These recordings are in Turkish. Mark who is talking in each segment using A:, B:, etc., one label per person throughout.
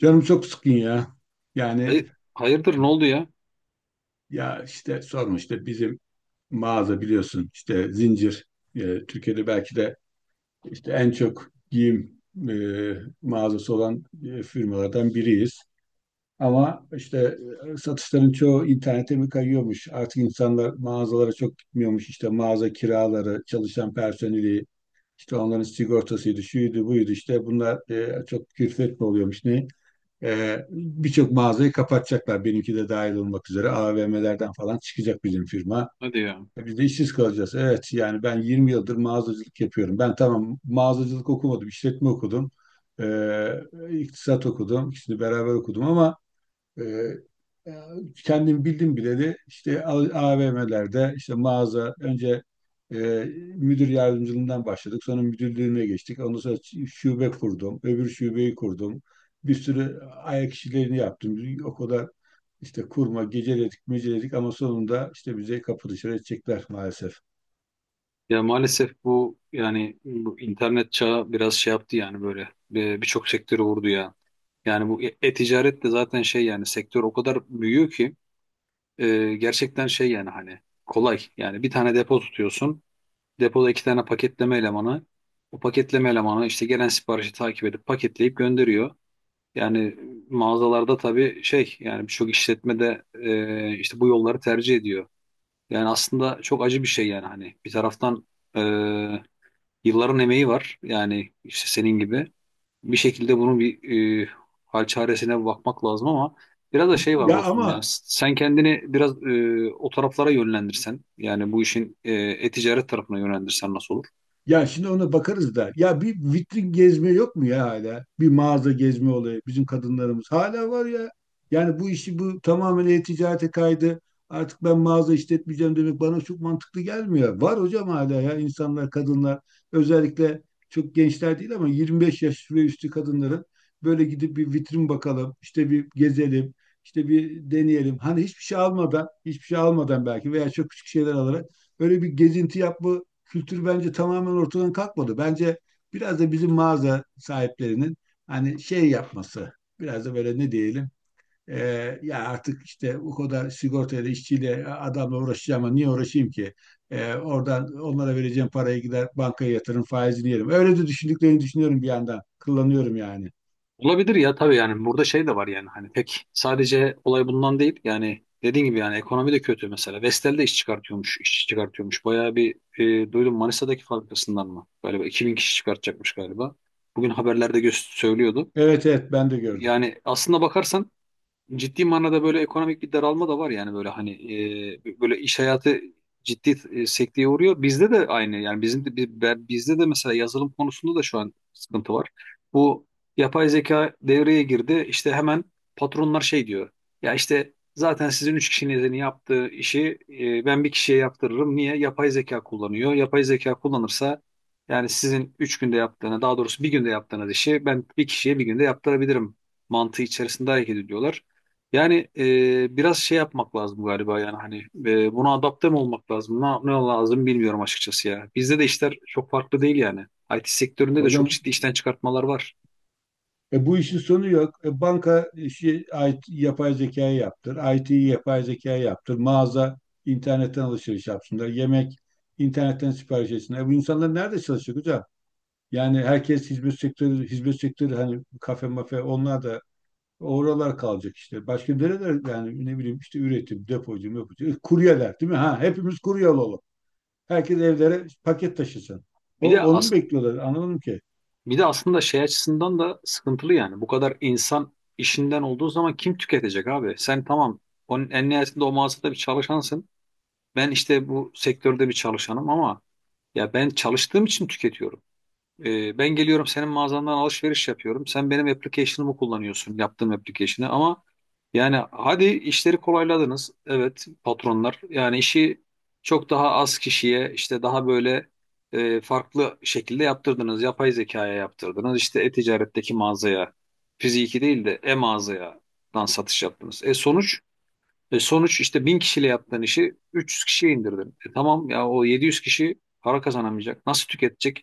A: Canım çok sıkın ya. Yani
B: Hayır, hayırdır ne oldu ya?
A: ya işte sorma işte bizim mağaza biliyorsun işte zincir e, Türkiye'de belki de işte en çok giyim e, mağazası olan firmalardan biriyiz. Ama işte satışların çoğu internete mi kayıyormuş? Artık insanlar mağazalara çok gitmiyormuş. İşte mağaza kiraları, çalışan personeli, işte onların sigortasıydı, şuydu, buydu işte bunlar çok külfet mi oluyormuş ne? Birçok mağazayı kapatacaklar. Benimki de dahil olmak üzere AVM'lerden falan çıkacak bizim firma.
B: Hadi ya.
A: Biz de işsiz kalacağız. Evet yani ben 20 yıldır mağazacılık yapıyorum. Ben tamam mağazacılık okumadım, işletme okudum. Ee, iktisat okudum. İkisini beraber okudum ama ee, e, kendim bildim bileli işte AVM'lerde işte mağaza önce e, müdür yardımcılığından başladık. Sonra müdürlüğüne geçtik. Ondan sonra şube kurdum. Öbür şubeyi kurdum. Bir sürü ayak işlerini yaptım. O kadar işte kurma, geceledik, meceledik ama sonunda işte bize kapı dışarı edecekler maalesef.
B: Ya maalesef bu yani bu internet çağı biraz şey yaptı yani böyle birçok sektörü vurdu ya. Yani bu e-ticaret de zaten şey yani sektör o kadar büyüyor ki gerçekten şey yani hani kolay. Yani bir tane depo tutuyorsun. Depoda iki tane paketleme elemanı. O paketleme elemanı işte gelen siparişi takip edip paketleyip gönderiyor. Yani mağazalarda tabii şey yani birçok işletmede işte bu yolları tercih ediyor. Yani aslında çok acı bir şey yani hani bir taraftan e, yılların emeği var yani işte senin gibi bir şekilde bunun bir e, hal çaresine bakmak lazım ama biraz da şey var
A: Ya
B: dostum ya
A: ama
B: sen kendini biraz o taraflara yönlendirsen yani bu işin e-ticaret tarafına yönlendirsen nasıl olur?
A: Ya şimdi ona bakarız da. Ya bir vitrin gezme yok mu ya hala? Bir mağaza gezme olayı bizim kadınlarımız. Hala var ya. Yani bu işi bu tamamen e-ticarete kaydı. Artık ben mağaza işletmeyeceğim demek bana çok mantıklı gelmiyor. Var hocam hala ya insanlar, kadınlar özellikle çok gençler değil ama 25 yaş ve üstü kadınların böyle gidip bir vitrin bakalım, işte bir gezelim, işte bir deneyelim. Hani hiçbir şey almadan, hiçbir şey almadan belki veya çok küçük şeyler alarak böyle bir gezinti yapma kültür bence tamamen ortadan kalkmadı. Bence biraz da bizim mağaza sahiplerinin hani şey yapması, biraz da böyle ne diyelim, e, ya artık işte o kadar sigortayla, işçiyle, adamla uğraşacağım ama niye uğraşayım ki? Oradan onlara vereceğim parayı gider bankaya yatırım faizini yerim. Öyle de düşündüklerini düşünüyorum bir yandan. Kullanıyorum yani.
B: Olabilir ya tabii yani burada şey de var yani hani pek sadece olay bundan değil yani dediğin gibi yani ekonomi de kötü mesela. Vestel de iş çıkartıyormuş, iş çıkartıyormuş. Bayağı bir duydum Manisa'daki fabrikasından mı? Galiba 2.000 kişi çıkartacakmış galiba. Bugün haberlerde söylüyordu.
A: Evet evet ben de gördüm.
B: Yani aslında bakarsan ciddi manada böyle ekonomik bir daralma da var yani böyle hani böyle iş hayatı ciddi sekteye uğruyor. Bizde de aynı yani bizim de bizde de mesela yazılım konusunda da şu an sıkıntı var. Bu yapay zeka devreye girdi. İşte hemen patronlar şey diyor. Ya işte zaten sizin üç kişinin yaptığı işi ben bir kişiye yaptırırım. Niye? Yapay zeka kullanıyor. Yapay zeka kullanırsa yani sizin üç günde yaptığını, daha doğrusu bir günde yaptığınız işi ben bir kişiye bir günde yaptırabilirim mantığı içerisinde hareket ediyorlar. Yani biraz şey yapmak lazım galiba yani hani buna adapte mi olmak lazım? Ne lazım bilmiyorum açıkçası ya. Bizde de işler çok farklı değil yani. IT sektöründe de çok
A: Hocam,
B: ciddi işten çıkartmalar var.
A: Bu işin sonu yok. Banka işi IT, yapay zekaya yaptır. IT'yi yapay zekaya yaptır. Mağaza internetten alışveriş yapsınlar. Yemek internetten sipariş etsinler. Bu insanlar nerede çalışacak hocam? Yani herkes hizmet sektörü, hizmet sektörü hani kafe mafe onlar da oralar kalacak işte. Başka nereler yani ne bileyim işte üretim, depocu, mepocu. Kuryeler değil mi? Ha hepimiz kurye olalım. Herkes evlere paket taşısın.
B: Bir de
A: Onu mu
B: as
A: bekliyorlar? Anlamadım ki.
B: Bir de aslında şey açısından da sıkıntılı yani. Bu kadar insan işinden olduğu zaman kim tüketecek abi? Sen tamam onun en nihayetinde o mağazada bir çalışansın. Ben işte bu sektörde bir çalışanım ama ya ben çalıştığım için tüketiyorum. Ben geliyorum senin mağazandan alışveriş yapıyorum. Sen benim application'ımı kullanıyorsun, yaptığım application'ı ama yani hadi işleri kolayladınız. Evet patronlar yani işi çok daha az kişiye işte daha böyle farklı şekilde yaptırdınız. Yapay zekaya yaptırdınız. İşte e-ticaretteki mağazaya, fiziki değil de e-mağazaya dan satış yaptınız. Sonuç işte 1.000 kişiyle yaptığın işi 300 kişiye indirdin. Tamam ya o 700 kişi para kazanamayacak. Nasıl tüketecek?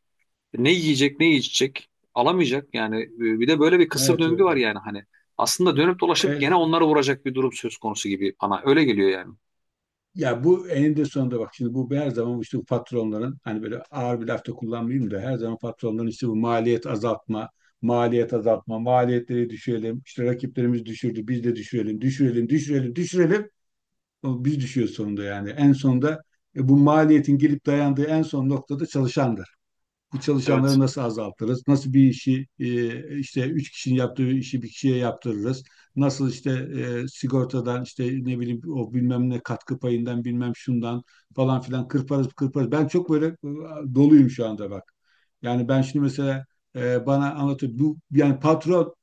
B: Ne yiyecek, ne içecek? Alamayacak yani. Bir de böyle bir kısır
A: Evet.
B: döngü var
A: Evet.
B: yani hani. Aslında dönüp dolaşıp
A: E,
B: gene onları vuracak bir durum söz konusu gibi bana. Öyle geliyor yani.
A: Ya bu eninde sonunda bak şimdi bu her zaman işte bu patronların hani böyle ağır bir lafta kullanmayayım da her zaman patronların işte bu maliyet azaltma, maliyet azaltma, maliyetleri düşürelim, işte rakiplerimiz düşürdü biz de düşürelim, düşürelim, düşürelim, düşürelim. Ama biz düşüyoruz sonunda yani. En sonunda bu maliyetin gelip dayandığı en son noktada çalışan bu
B: Evet.
A: çalışanları nasıl azaltırız? Nasıl bir işi işte üç kişinin yaptığı işi bir kişiye yaptırırız? Nasıl işte sigortadan işte ne bileyim o bilmem ne katkı payından bilmem şundan falan filan kırparız kırparız. Ben çok böyle doluyum şu anda bak. Yani ben şimdi mesela bana anlatıyor bu yani patron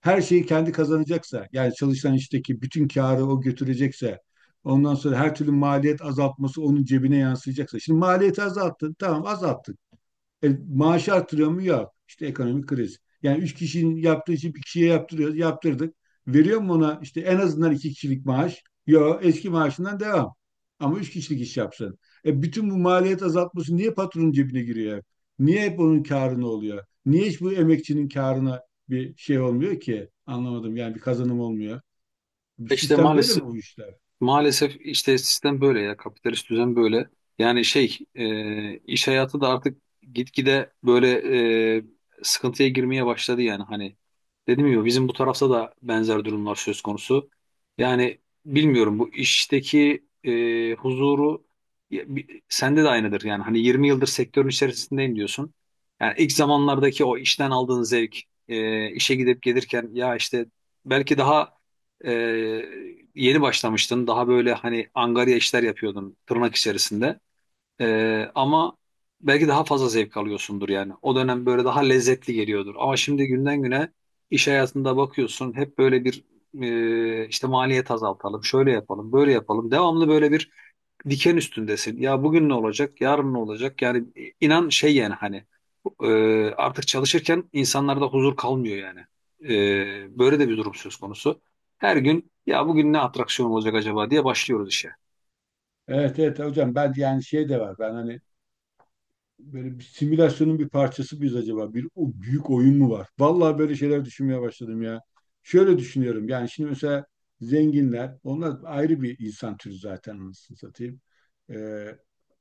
A: her şeyi kendi kazanacaksa yani çalışan işteki bütün karı o götürecekse ondan sonra her türlü maliyet azaltması onun cebine yansıyacaksa. Şimdi maliyeti azalttın tamam azalttın. Maaş artırıyor mu? Yok. İşte ekonomik kriz. Yani üç kişinin yaptığı işi bir kişiye yaptırıyoruz. Yaptırdık. Veriyor mu ona işte en azından iki kişilik maaş? Yok. Eski maaşından devam. Ama üç kişilik iş yapsın. Bütün bu maliyet azaltması niye patronun cebine giriyor? Niye hep onun karına oluyor? Niye hiç bu emekçinin karına bir şey olmuyor ki? Anlamadım yani bir kazanım olmuyor. Bu
B: İşte
A: sistem böyle mi
B: maalesef
A: bu işler?
B: Maalesef işte sistem böyle ya kapitalist düzen böyle. Yani şey iş hayatı da artık gitgide böyle e, sıkıntıya girmeye başladı yani hani dedim ya bizim bu tarafta da benzer durumlar söz konusu. Yani bilmiyorum bu işteki huzuru ya, sende de aynıdır yani hani 20 yıldır sektörün içerisindeyim diyorsun. Yani ilk zamanlardaki o işten aldığın zevk işe gidip gelirken ya işte belki daha ee, yeni başlamıştın. Daha böyle hani angarya işler yapıyordun tırnak içerisinde. Ama belki daha fazla zevk alıyorsundur yani. O dönem böyle daha lezzetli geliyordur. Ama şimdi günden güne iş hayatında bakıyorsun hep böyle bir işte maliyet azaltalım, şöyle yapalım, böyle yapalım. Devamlı böyle bir diken üstündesin. Ya bugün ne olacak, yarın ne olacak? Yani inan şey yani hani e, artık çalışırken insanlarda huzur kalmıyor yani. Böyle de bir durum söz konusu. Her gün ya bugün ne atraksiyon olacak acaba diye başlıyoruz işe.
A: Evet evet hocam, ben yani şey de var. Ben hani böyle bir simülasyonun bir parçası mıyız acaba? Bir o büyük oyun mu var? Vallahi böyle şeyler düşünmeye başladım ya. Şöyle düşünüyorum. Yani şimdi mesela zenginler, onlar ayrı bir insan türü zaten anasını satayım. Ee,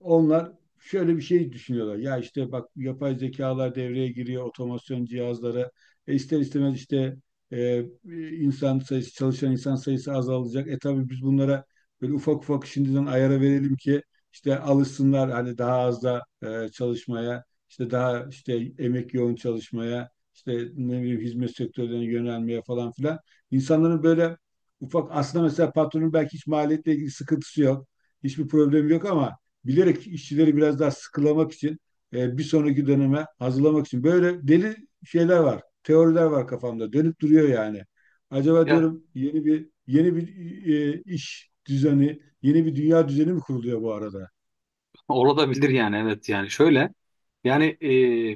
A: onlar şöyle bir şey düşünüyorlar. Ya işte bak yapay zekalar devreye giriyor, otomasyon cihazları. İster istemez işte e, insan sayısı, çalışan insan sayısı azalacak. Tabii biz bunlara böyle ufak ufak şimdiden ayara verelim ki işte alışsınlar hani daha az da çalışmaya, işte daha işte emek yoğun çalışmaya, işte ne bileyim hizmet sektörlerine yönelmeye falan filan. İnsanların böyle ufak aslında mesela patronun belki hiç maliyetle ilgili sıkıntısı yok, hiçbir problemi yok ama bilerek işçileri biraz daha sıkılamak için bir sonraki döneme hazırlamak için böyle deli şeyler var, teoriler var kafamda dönüp duruyor yani. Acaba
B: Ya
A: diyorum yeni bir iş düzeni. Yeni bir dünya düzeni mi kuruluyor bu arada?
B: olabilir yani evet yani şöyle. Yani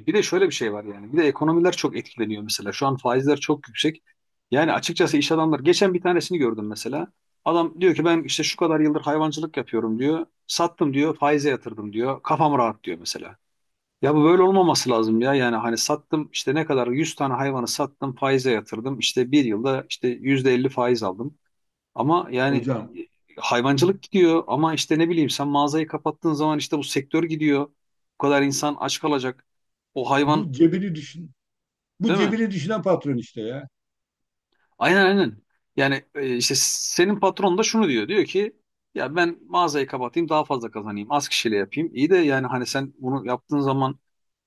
B: bir de şöyle bir şey var yani. Bir de ekonomiler çok etkileniyor mesela. Şu an faizler çok yüksek. Yani açıkçası iş adamlar geçen bir tanesini gördüm mesela. Adam diyor ki ben işte şu kadar yıldır hayvancılık yapıyorum diyor. Sattım diyor, faize yatırdım diyor. Kafam rahat diyor mesela. Ya bu böyle olmaması lazım ya. Yani hani sattım işte ne kadar 100 tane hayvanı sattım, faize yatırdım. İşte bir yılda işte %50 faiz aldım. Ama yani
A: Hocam,
B: hayvancılık gidiyor ama işte ne bileyim sen mağazayı kapattığın zaman işte bu sektör gidiyor. Bu kadar insan aç kalacak. O hayvan
A: bu cebini düşün bu
B: değil mi?
A: cebini düşünen patron işte ya.
B: Aynen, aynen. Yani işte senin patron da şunu diyor. Diyor ki ya ben mağazayı kapatayım daha fazla kazanayım. Az kişiyle yapayım. İyi de yani hani sen bunu yaptığın zaman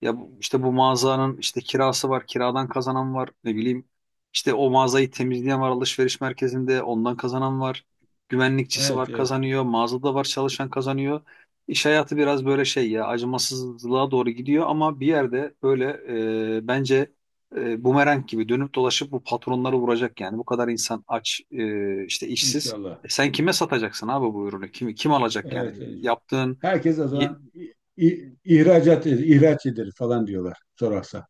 B: ya işte bu mağazanın işte kirası var. Kiradan kazanan var. Ne bileyim işte o mağazayı temizleyen var alışveriş merkezinde. Ondan kazanan var. Güvenlikçisi
A: Evet
B: var
A: evet
B: kazanıyor. Mağazada var çalışan kazanıyor. İş hayatı biraz böyle şey ya acımasızlığa doğru gidiyor ama bir yerde böyle bence bumerang gibi dönüp dolaşıp bu patronları vuracak yani. Bu kadar insan aç, işte işsiz.
A: inşallah.
B: Sen kime satacaksın abi bu ürünü? Kim alacak yani?
A: Evet, evet.
B: Yaptığın
A: Herkes o
B: y-
A: zaman ihraç ederiz falan diyorlar sorarsa.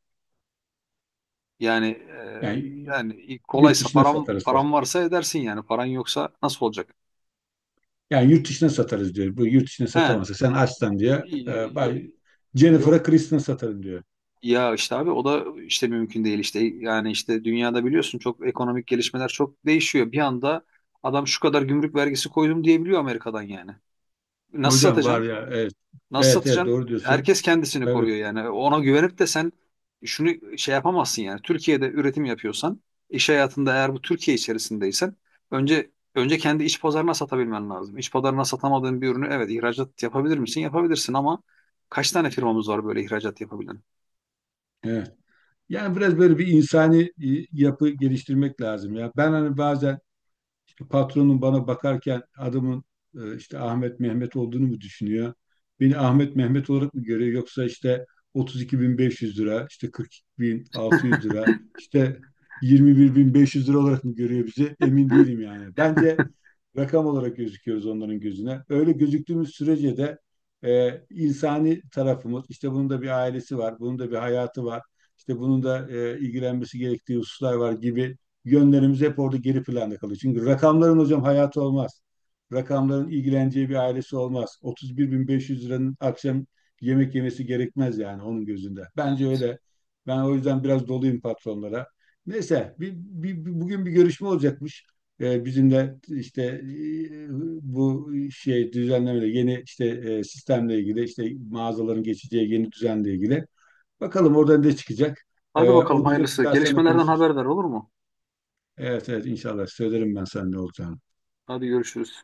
B: yani
A: Yani
B: yani
A: yurt
B: kolaysa
A: dışına
B: param
A: satarız falan.
B: param varsa edersin yani. Paran yoksa nasıl olacak?
A: Yani yurt dışına satarız diyor. Bu yurt dışına
B: He.
A: satamazsa sen açsan diye
B: Y-
A: bay
B: y- Yok
A: Jennifer'a Kristen satarım diyor.
B: ya işte abi o da işte mümkün değil işte yani işte dünyada biliyorsun çok ekonomik gelişmeler çok değişiyor. Bir anda adam şu kadar gümrük vergisi koydum diyebiliyor Amerika'dan yani. Nasıl
A: Hocam var
B: satacaksın?
A: ya evet.
B: Nasıl
A: Evet evet
B: satacaksın?
A: doğru diyorsun.
B: Herkes kendisini
A: Tabii.
B: koruyor yani. Ona güvenip de sen şunu şey yapamazsın yani. Türkiye'de üretim yapıyorsan, iş hayatında eğer bu Türkiye içerisindeysen önce kendi iç pazarına satabilmen lazım. İç pazarına satamadığın bir ürünü evet ihracat yapabilir misin? Yapabilirsin ama kaç tane firmamız var böyle ihracat yapabilen?
A: Evet. Yani biraz böyle bir insani yapı geliştirmek lazım ya. Ben hani bazen işte patronum bana bakarken adamın işte Ahmet Mehmet olduğunu mu düşünüyor? Beni Ahmet Mehmet olarak mı görüyor yoksa işte 32.500 lira, işte 42.600 lira, işte 21.500 lira olarak mı görüyor bizi? Emin değilim yani. Bence rakam olarak gözüküyoruz onların gözüne. Öyle gözüktüğümüz sürece de insani tarafımız, işte bunun da bir ailesi var, bunun da bir hayatı var, işte bunun da ilgilenmesi gerektiği hususlar var gibi yönlerimiz hep orada geri planda kalıyor. Çünkü rakamların hocam hayatı olmaz. Rakamların ilgileneceği bir ailesi olmaz. 31.500 liranın akşam yemek yemesi gerekmez yani onun gözünde. Bence
B: Evet.
A: öyle. Ben o yüzden biraz doluyum patronlara. Neyse, bugün bir görüşme olacakmış. Bizim de işte bu şey düzenlemeyle yeni işte sistemle ilgili işte mağazaların geçeceği yeni düzenle ilgili. Bakalım oradan ne çıkacak.
B: Hadi
A: E,
B: bakalım
A: onun üzerine bir
B: hayırlısı.
A: daha seninle
B: Gelişmelerden
A: konuşuruz.
B: haberdar olur mu?
A: Evet evet inşallah söylerim ben sana ne olacağını.
B: Hadi görüşürüz.